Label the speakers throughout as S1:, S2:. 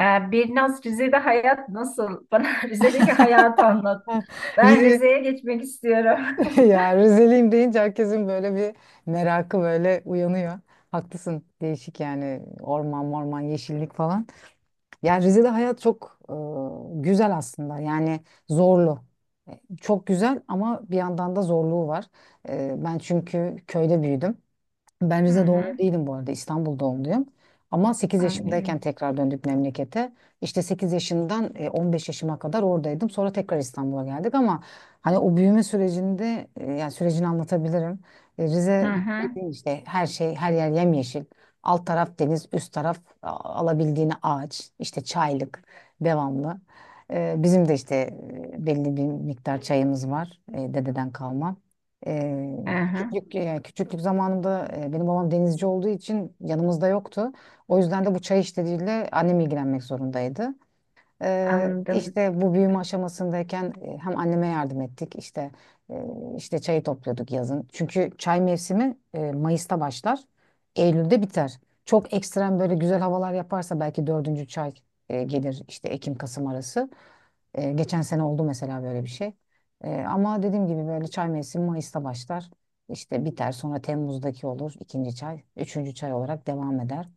S1: Birnaz, Rize'de hayat nasıl? Bana Rize'deki hayatı anlat. Ben
S2: Rize,
S1: Rize'ye geçmek istiyorum.
S2: ya Rizeliyim deyince herkesin böyle bir merakı böyle uyanıyor. Haklısın. Değişik yani orman morman yeşillik falan. Ya Rize'de hayat çok güzel aslında. Yani zorlu. Çok güzel ama bir yandan da zorluğu var. Ben çünkü köyde büyüdüm. Ben
S1: Hı
S2: Rize doğumlu
S1: hı,
S2: değilim bu arada. İstanbul doğumluyum. Ama sekiz
S1: anlıyorum.
S2: yaşımdayken tekrar döndük memlekete. İşte 8 yaşından 15 yaşıma kadar oradaydım. Sonra tekrar İstanbul'a geldik ama hani o büyüme sürecinde yani sürecini anlatabilirim. E,
S1: Hı
S2: Rize
S1: hı,
S2: dediğin işte her şey her yer yemyeşil. Alt taraf deniz, üst taraf alabildiğine ağaç, işte çaylık devamlı. Bizim de işte belli bir miktar çayımız var dededen kalma. Ee,
S1: hı hı,
S2: küçüklük yani küçüklük zamanımda benim babam denizci olduğu için yanımızda yoktu. O yüzden de bu çay işleriyle annem ilgilenmek zorundaydı.
S1: anladım.
S2: İşte bu büyüme aşamasındayken hem anneme yardım ettik e, işte çayı topluyorduk yazın. Çünkü çay mevsimi Mayıs'ta başlar, Eylül'de biter. Çok ekstrem böyle güzel havalar yaparsa belki dördüncü çay gelir işte Ekim-Kasım arası. Geçen sene oldu mesela böyle bir şey. Ama dediğim gibi böyle çay mevsimi Mayıs'ta başlar. İşte biter sonra Temmuz'daki olur ikinci çay. Üçüncü çay olarak devam eder.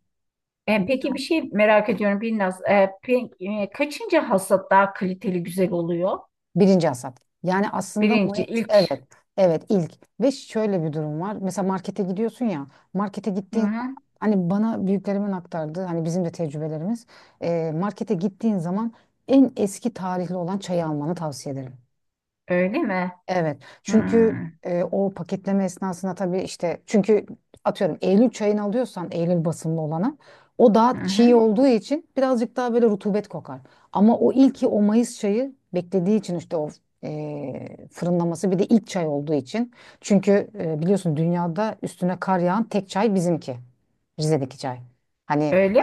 S1: Peki
S2: Güzel.
S1: bir şey merak ediyorum Birnaz. Kaçıncı hasat daha kaliteli, güzel oluyor?
S2: Birinci hasat. Yani aslında
S1: Birinci,
S2: Mayıs
S1: ilk.
S2: evet evet ilk ve şöyle bir durum var. Mesela markete gidiyorsun ya markete
S1: Hı
S2: gittiğin
S1: hı,
S2: hani bana büyüklerimin aktardığı hani bizim de tecrübelerimiz markete gittiğin zaman en eski tarihli olan çayı almanı tavsiye ederim.
S1: öyle mi?
S2: Evet.
S1: Hı
S2: Çünkü o paketleme esnasında tabii işte çünkü atıyorum Eylül çayını alıyorsan Eylül basımlı olanı o
S1: hı,
S2: daha çiğ
S1: hı.
S2: olduğu için birazcık daha böyle rutubet kokar. Ama o ilki o Mayıs çayı beklediği için işte o fırınlaması bir de ilk çay olduğu için. Çünkü biliyorsun dünyada üstüne kar yağan tek çay bizimki. Rize'deki çay. Hani
S1: Öyle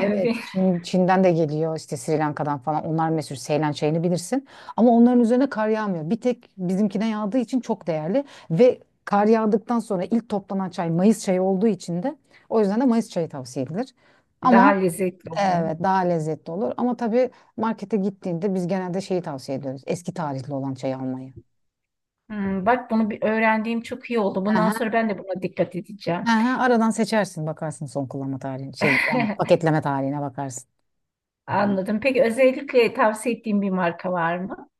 S2: evet, Çin'den de geliyor işte Sri Lanka'dan falan. Onlar meşhur Seylan çayını bilirsin. Ama onların üzerine kar yağmıyor. Bir tek bizimkine yağdığı için çok değerli ve kar yağdıktan sonra ilk toplanan çay Mayıs çayı olduğu için de o yüzden de Mayıs çayı tavsiye edilir.
S1: Daha
S2: Ama
S1: lezzetli oluyor.
S2: evet, daha lezzetli olur. Ama tabii markete gittiğinde biz genelde şeyi tavsiye ediyoruz. Eski tarihli olan çayı almayı.
S1: Hmm, bak bunu bir öğrendiğim çok iyi oldu.
S2: Hı
S1: Bundan
S2: hı,
S1: sonra ben de buna dikkat edeceğim.
S2: hı hı. Aradan seçersin bakarsın son kullanma tarihine şey yani paketleme tarihine bakarsın.
S1: Anladım. Peki özellikle tavsiye ettiğin bir marka var mı?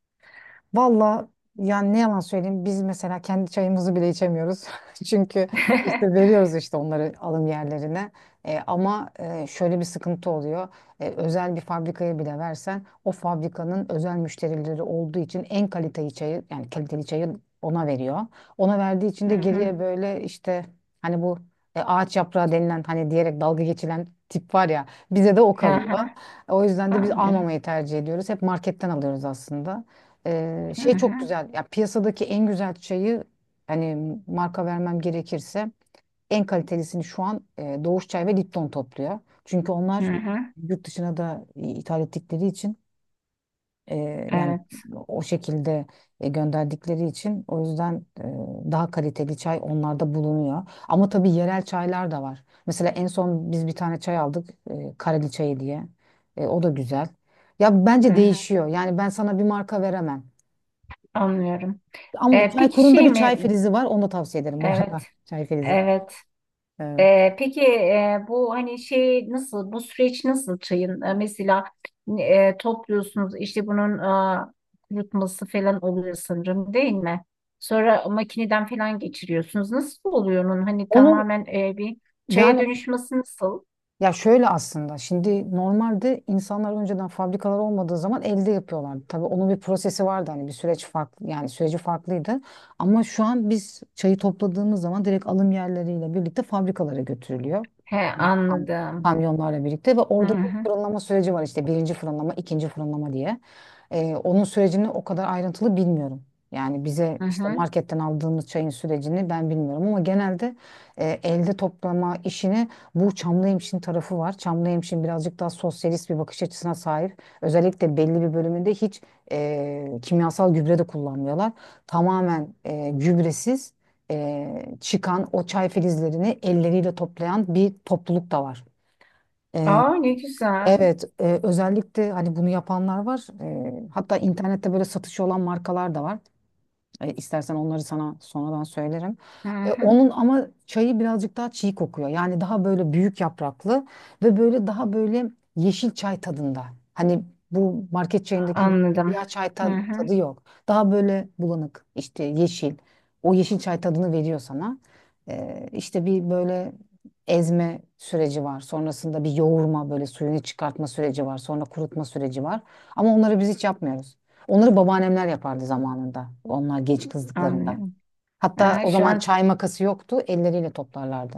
S2: Valla yani ne yalan söyleyeyim biz mesela kendi çayımızı bile içemiyoruz. Çünkü işte veriyoruz işte onları alım yerlerine. Ama şöyle bir sıkıntı oluyor. Özel bir fabrikaya bile versen o fabrikanın özel müşterileri olduğu için en kaliteli çayı yani kaliteli çayı ona veriyor. Ona verdiği için
S1: Hı
S2: de
S1: hı.
S2: geriye böyle işte hani bu ağaç yaprağı denilen hani diyerek dalga geçilen tip var ya bize de o
S1: Hı hı.
S2: kalıyor. O yüzden de biz
S1: Anlıyorum.
S2: almamayı tercih ediyoruz. Hep marketten alıyoruz aslında.
S1: Hı
S2: Şey
S1: hı.
S2: çok güzel. Ya piyasadaki en güzel çayı hani marka vermem gerekirse en kalitelisini şu an Doğuş Çay ve Lipton topluyor. Çünkü
S1: Hı
S2: onlar
S1: hı.
S2: yurt dışına da ithal ettikleri için e, yani
S1: Evet.
S2: o şekilde gönderdikleri için o yüzden daha kaliteli çay onlarda bulunuyor. Ama tabii yerel çaylar da var. Mesela en son biz bir tane çay aldık Kareli çayı diye. O da güzel. Ya
S1: Hı
S2: bence
S1: hı.
S2: değişiyor. Yani ben sana bir marka veremem.
S1: Anlıyorum.
S2: Ama
S1: Peki
S2: Çaykur'un da
S1: şey
S2: bir çay
S1: mi?
S2: frizi var. Onu da tavsiye ederim bu arada.
S1: Evet.
S2: Çay frizi.
S1: Evet.
S2: Evet.
S1: Peki, bu hani şey nasıl? Bu süreç nasıl çayın? Mesela topluyorsunuz, işte bunun e, kurutması falan oluyor sanırım, değil mi? Sonra makineden falan geçiriyorsunuz. Nasıl oluyor onun? Hani
S2: Onu
S1: tamamen bir çaya
S2: yani
S1: dönüşmesi nasıl?
S2: Ya şöyle aslında şimdi normalde insanlar önceden fabrikalar olmadığı zaman elde yapıyorlardı. Tabii onun bir prosesi vardı hani bir süreç farklı yani süreci farklıydı. Ama şu an biz çayı topladığımız zaman direkt alım yerleriyle birlikte fabrikalara götürülüyor.
S1: He,
S2: Kam- kam-
S1: anladım.
S2: Kamyonlarla birlikte ve
S1: Hı
S2: orada bir
S1: hı,
S2: fırınlama süreci var işte birinci fırınlama, ikinci fırınlama diye. Onun sürecini o kadar ayrıntılı bilmiyorum. Yani bize
S1: hı
S2: işte
S1: hı.
S2: marketten aldığımız çayın sürecini ben bilmiyorum ama genelde elde toplama işini bu Çamlıhemşin tarafı var. Çamlıhemşin birazcık daha sosyalist bir bakış açısına sahip. Özellikle belli bir bölümünde hiç kimyasal gübre de kullanmıyorlar. Tamamen gübresiz çıkan o çay filizlerini elleriyle toplayan bir topluluk da var. E,
S1: Aa, ne güzel.
S2: evet, özellikle hani bunu yapanlar var. Hatta internette böyle satışı olan markalar da var. E, istersen onları sana sonradan söylerim.
S1: Hı
S2: E,
S1: hı.
S2: onun ama çayı birazcık daha çiğ kokuyor. Yani daha böyle büyük yapraklı ve böyle daha böyle yeşil çay tadında. Hani bu market çayındaki
S1: Anladım.
S2: siyah çay
S1: Hı hı.
S2: tadı yok. Daha böyle bulanık işte yeşil. O yeşil çay tadını veriyor sana. E, işte bir böyle ezme süreci var. Sonrasında bir yoğurma böyle suyunu çıkartma süreci var. Sonra kurutma süreci var. Ama onları biz hiç yapmıyoruz. Onları babaannemler yapardı zamanında. Onlar genç kızlıklarında.
S1: Anlıyorum.
S2: Hatta
S1: Aha,
S2: o
S1: şu
S2: zaman
S1: an
S2: çay makası yoktu. Elleriyle toplarlardı.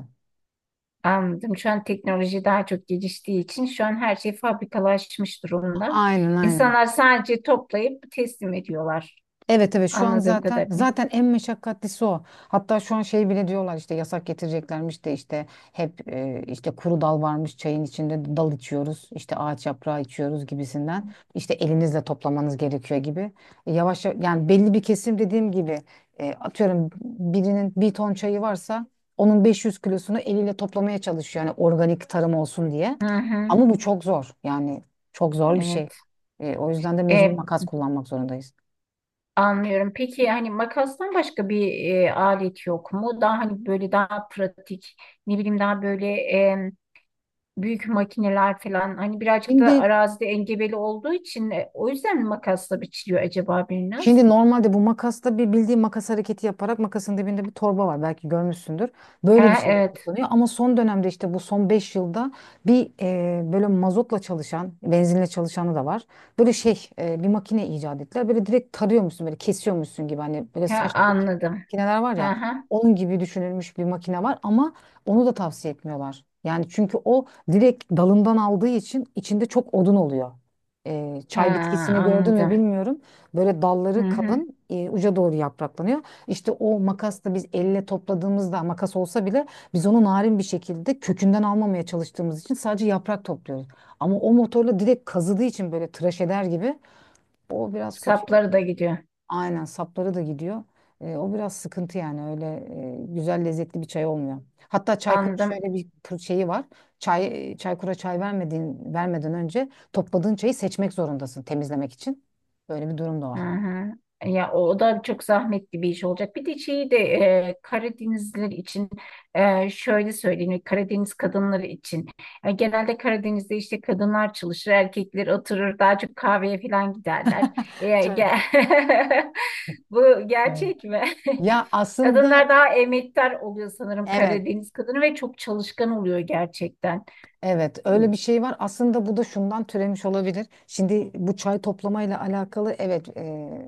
S1: anladım. Şu an teknoloji daha çok geliştiği için şu an her şey fabrikalaşmış durumda.
S2: Aynen, aynen.
S1: İnsanlar sadece toplayıp teslim ediyorlar.
S2: Evet, evet, şu an
S1: Anladığım
S2: zaten
S1: kadarıyla.
S2: zaten en meşakkatlisi o. Hatta şu an şey bile diyorlar işte yasak getireceklermiş de işte hep işte kuru dal varmış çayın içinde dal içiyoruz işte ağaç yaprağı içiyoruz gibisinden işte elinizle toplamanız gerekiyor gibi. Yavaş yavaş yani belli bir kesim dediğim gibi atıyorum birinin bir ton çayı varsa onun 500 kilosunu eliyle toplamaya çalışıyor yani organik tarım olsun diye.
S1: Hı hı.
S2: Ama bu çok zor yani çok zor bir şey.
S1: Evet.
S2: O yüzden de mecbur
S1: E,
S2: makas kullanmak zorundayız.
S1: Anlıyorum. Peki hani makastan başka bir alet yok mu? Daha hani böyle daha pratik, ne bileyim daha böyle büyük makineler falan, hani birazcık da
S2: Şimdi
S1: arazide engebeli olduğu için o yüzden mi makasla biçiliyor acaba
S2: Şimdi
S1: biraz?
S2: normalde bu makasta bir bildiğin makas hareketi yaparak makasın dibinde bir torba var belki görmüşsündür.
S1: He
S2: Böyle bir şeyle
S1: evet.
S2: kullanıyor ama son dönemde işte bu son 5 yılda bir böyle mazotla çalışan, benzinle çalışanı da var. Böyle şey bir makine icat ettiler. Böyle direkt tarıyormuşsun böyle kesiyormuşsun gibi hani böyle
S1: He
S2: saç
S1: anladım.
S2: makineler var
S1: He
S2: ya
S1: he.
S2: onun gibi düşünülmüş bir makine var ama onu da tavsiye etmiyorlar. Yani çünkü o direkt dalından aldığı için içinde çok odun oluyor. E,
S1: He
S2: çay bitkisini gördün mü
S1: anladım.
S2: bilmiyorum. Böyle
S1: Hı
S2: dalları
S1: hı.
S2: kalın, uca doğru yapraklanıyor. İşte o makasla biz elle topladığımızda makas olsa bile biz onu narin bir şekilde kökünden almamaya çalıştığımız için sadece yaprak topluyoruz. Ama o motorla direkt kazıdığı için böyle tıraş eder gibi o biraz kötü.
S1: Sapları da gidiyor.
S2: Aynen, sapları da gidiyor. O biraz sıkıntı yani öyle güzel lezzetli bir çay olmuyor. Hatta Çaykur
S1: Anladım.
S2: şöyle bir şeyi var. Çaykur'a çay vermeden önce topladığın çayı seçmek zorundasın temizlemek için. Böyle bir durum da
S1: Hı
S2: var.
S1: hı. Ya o da çok zahmetli bir iş olacak. Bir de şeyi de Karadenizliler için, şöyle söyleyeyim, Karadeniz kadınları için. Genelde Karadeniz'de işte kadınlar çalışır, erkekler oturur, daha çok kahveye falan giderler. E,
S2: Çay,
S1: ge- Bu
S2: Evet.
S1: gerçek mi?
S2: Ya
S1: Kadınlar
S2: aslında
S1: daha emektar oluyor sanırım,
S2: evet,
S1: Karadeniz kadını ve çok çalışkan oluyor gerçekten.
S2: evet, öyle
S1: Hı.
S2: bir şey var. Aslında bu da şundan türemiş olabilir. Şimdi bu çay toplamayla alakalı evet,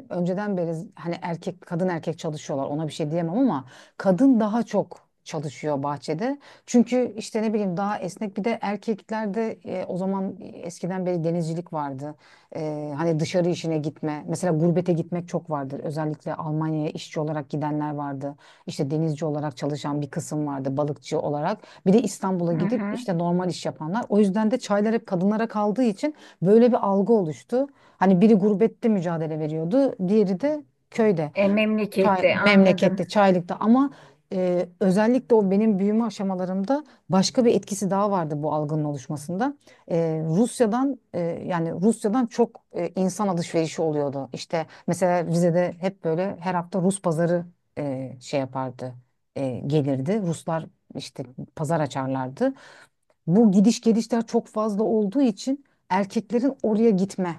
S2: önceden beri hani erkek kadın erkek çalışıyorlar. Ona bir şey diyemem ama kadın daha çok çalışıyor bahçede. Çünkü işte ne bileyim daha esnek bir de erkeklerde o zaman eskiden beri denizcilik vardı. Hani dışarı işine gitme. Mesela gurbete gitmek çok vardır. Özellikle Almanya'ya işçi olarak gidenler vardı. İşte denizci olarak çalışan bir kısım vardı, balıkçı olarak. Bir de İstanbul'a
S1: Hı
S2: gidip
S1: hı.
S2: işte normal iş yapanlar. O yüzden de çaylar hep kadınlara kaldığı için böyle bir algı oluştu. Hani biri gurbette mücadele veriyordu, diğeri de köyde.
S1: Memlekette, anladım.
S2: Memlekette, Çaylık'ta ama özellikle o benim büyüme aşamalarımda başka bir etkisi daha vardı bu algının oluşmasında. E, Rusya'dan çok insan alışverişi oluyordu. İşte mesela Rize'de hep böyle her hafta Rus pazarı şey yapardı, gelirdi. Ruslar işte pazar açarlardı. Bu gidiş gelişler çok fazla olduğu için erkeklerin oraya gitme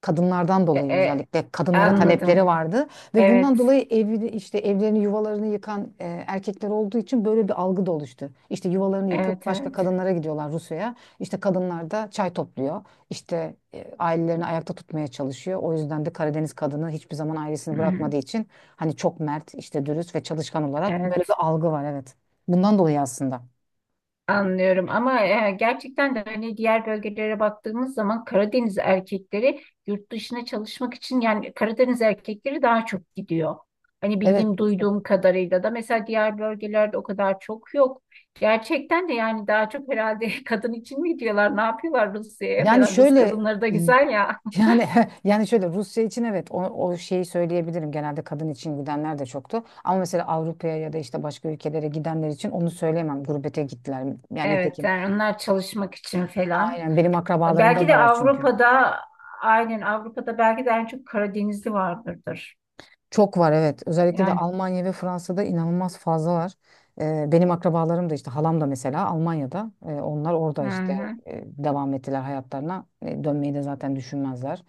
S2: kadınlardan
S1: E,
S2: dolayı
S1: e,
S2: özellikle kadınlara
S1: Anladım.
S2: talepleri vardı ve bundan
S1: Evet.
S2: dolayı evi işte evlerini yuvalarını yıkan erkekler olduğu için böyle bir algı da oluştu. İşte yuvalarını yıkıp
S1: Evet,
S2: başka
S1: evet.
S2: kadınlara gidiyorlar Rusya'ya. İşte kadınlar da çay topluyor. İşte ailelerini ayakta tutmaya çalışıyor. O yüzden de Karadeniz kadını hiçbir zaman
S1: Hı
S2: ailesini
S1: hı.
S2: bırakmadığı için hani çok mert, işte dürüst ve çalışkan olarak böyle bir
S1: Evet.
S2: algı var, evet. Bundan dolayı aslında.
S1: Anlıyorum, ama gerçekten de hani diğer bölgelere baktığımız zaman Karadeniz erkekleri yurt dışına çalışmak için, yani Karadeniz erkekleri daha çok gidiyor. Hani
S2: Evet.
S1: bildiğim, duyduğum kadarıyla da mesela diğer bölgelerde o kadar çok yok. Gerçekten de yani daha çok herhalde kadın için mi gidiyorlar, ne yapıyorlar Rusya'ya
S2: Yani
S1: falan, Rus
S2: şöyle
S1: kadınları da güzel ya.
S2: yani yani şöyle Rusya için evet, o şeyi söyleyebilirim. Genelde kadın için gidenler de çoktu. Ama mesela Avrupa'ya ya da işte başka ülkelere gidenler için onu söyleyemem. Gurbete gittiler. Yani
S1: Evet,
S2: nitekim.
S1: yani onlar çalışmak için falan.
S2: Aynen, benim akrabalarımda
S1: Belki
S2: da
S1: de
S2: var çünkü.
S1: Avrupa'da, aynen Avrupa'da belki de en çok Karadenizli vardırdır.
S2: Çok var, evet. Özellikle de
S1: Yani.
S2: Almanya ve Fransa'da inanılmaz fazla var. Benim akrabalarım da işte halam da mesela Almanya'da. Onlar orada
S1: Hı
S2: işte
S1: hı.
S2: devam ettiler hayatlarına. Dönmeyi de zaten düşünmezler.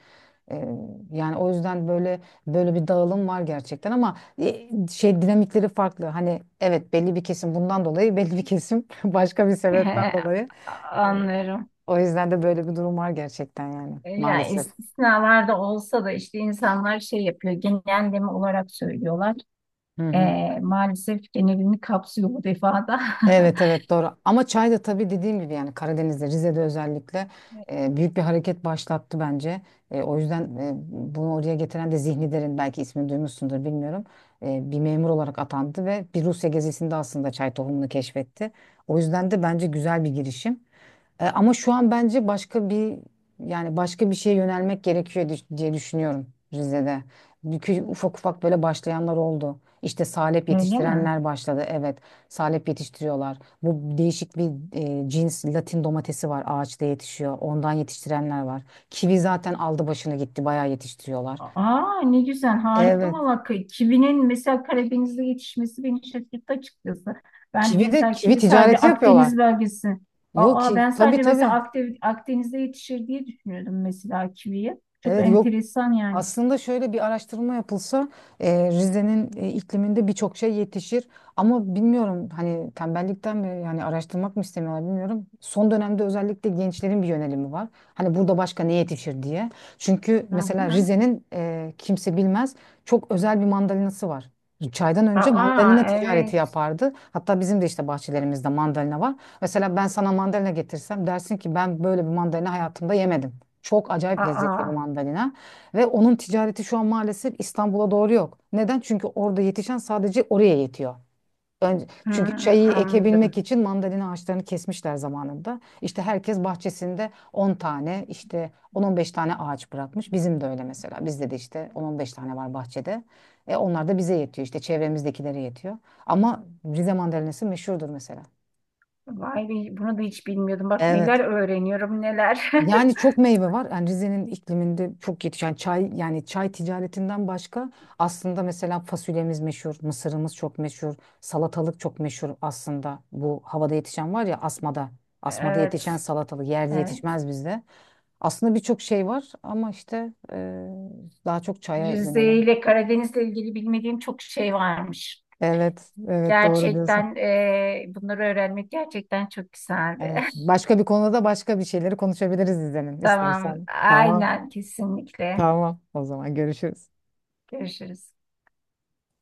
S2: Ee, yani o yüzden böyle böyle bir dağılım var gerçekten ama şey dinamikleri farklı. Hani evet, belli bir kesim bundan dolayı belli bir kesim başka bir sebepten
S1: He,
S2: dolayı.
S1: anlıyorum.
S2: O yüzden de böyle bir durum var gerçekten yani
S1: Yani
S2: maalesef.
S1: istisnalarda olsa da işte insanlar şey yapıyor, genelleme olarak söylüyorlar.
S2: Hı hı.
S1: Maalesef genelini kapsıyor bu defada.
S2: Evet, evet, doğru ama çay da tabii dediğim gibi yani Karadeniz'de Rize'de özellikle büyük bir hareket başlattı bence. O yüzden bunu oraya getiren de Zihni Derin, belki ismini duymuşsundur bilmiyorum. Bir memur olarak atandı ve bir Rusya gezisinde aslında çay tohumunu keşfetti. O yüzden de bence güzel bir girişim. Ama şu an bence başka bir yani başka bir şeye yönelmek gerekiyor diye düşünüyorum Rize'de. Çünkü ufak ufak böyle başlayanlar oldu. İşte salep
S1: Öyle mi?
S2: yetiştirenler başladı. Evet, salep yetiştiriyorlar. Bu değişik bir cins Latin domatesi var, ağaçta yetişiyor. Ondan yetiştirenler var. Kivi zaten aldı başını gitti, bayağı yetiştiriyorlar.
S1: Aa, ne güzel, harika
S2: Evet.
S1: valla. Ki- kivinin mesela Karadeniz'de yetişmesi beni şaşırttı açıkçası. Ben
S2: Kivi de
S1: mesela
S2: kivi
S1: kivi sadece
S2: ticareti yapıyorlar.
S1: Akdeniz bölgesi.
S2: Yok
S1: Aa, ben
S2: ki, tabii,
S1: sadece mesela
S2: tabii.
S1: Akde- Akdeniz'de yetişir diye düşünüyordum mesela kiviyi. Çok
S2: Evet, yok,
S1: enteresan yani.
S2: aslında şöyle bir araştırma yapılsa Rize'nin ikliminde birçok şey yetişir. Ama bilmiyorum hani tembellikten mi yani araştırmak mı istemiyorlar bilmiyorum. Son dönemde özellikle gençlerin bir yönelimi var. Hani burada başka ne yetişir diye. Çünkü
S1: Hı
S2: mesela
S1: hı.
S2: Rize'nin, kimse bilmez, çok özel bir mandalinası var. Çaydan önce
S1: Aa,
S2: mandalina ticareti
S1: evet.
S2: yapardı. Hatta bizim de işte bahçelerimizde mandalina var. Mesela ben sana mandalina getirsem dersin ki ben böyle bir mandalina hayatımda yemedim. Çok acayip lezzetli
S1: Aa.
S2: bir mandalina. Ve onun ticareti şu an maalesef İstanbul'a doğru yok. Neden? Çünkü orada yetişen sadece oraya yetiyor. Önce,
S1: Hı,
S2: çünkü çayı ekebilmek
S1: anladım.
S2: için mandalina ağaçlarını kesmişler zamanında. İşte herkes bahçesinde 10 tane işte 10 on beş tane ağaç bırakmış. Bizim de öyle mesela. Bizde de işte on on beş tane var bahçede. Onlar da bize yetiyor. İşte çevremizdekilere yetiyor. Ama Rize mandalinası meşhurdur mesela.
S1: Vay be, bunu da hiç bilmiyordum. Bak
S2: Evet.
S1: neler öğreniyorum neler.
S2: Yani çok meyve var. Yani Rize'nin ikliminde çok yetişen yani çay ticaretinden başka aslında mesela fasulyemiz meşhur, mısırımız çok meşhur, salatalık çok meşhur aslında. Bu havada yetişen var ya, asmada. Asmada
S1: Evet,
S2: yetişen salatalık yerde
S1: evet.
S2: yetişmez bizde. Aslında birçok şey var ama işte daha çok çaya
S1: Rize
S2: yönelim.
S1: ile Karadeniz'le ilgili bilmediğim çok şey varmış.
S2: Evet, evet, doğru diyorsun.
S1: Gerçekten bunları öğrenmek gerçekten çok güzeldi.
S2: Evet. Başka bir konuda başka bir şeyleri konuşabiliriz izlenin
S1: Tamam,
S2: istersen. Tamam,
S1: aynen kesinlikle.
S2: tamam. O zaman görüşürüz.
S1: Görüşürüz.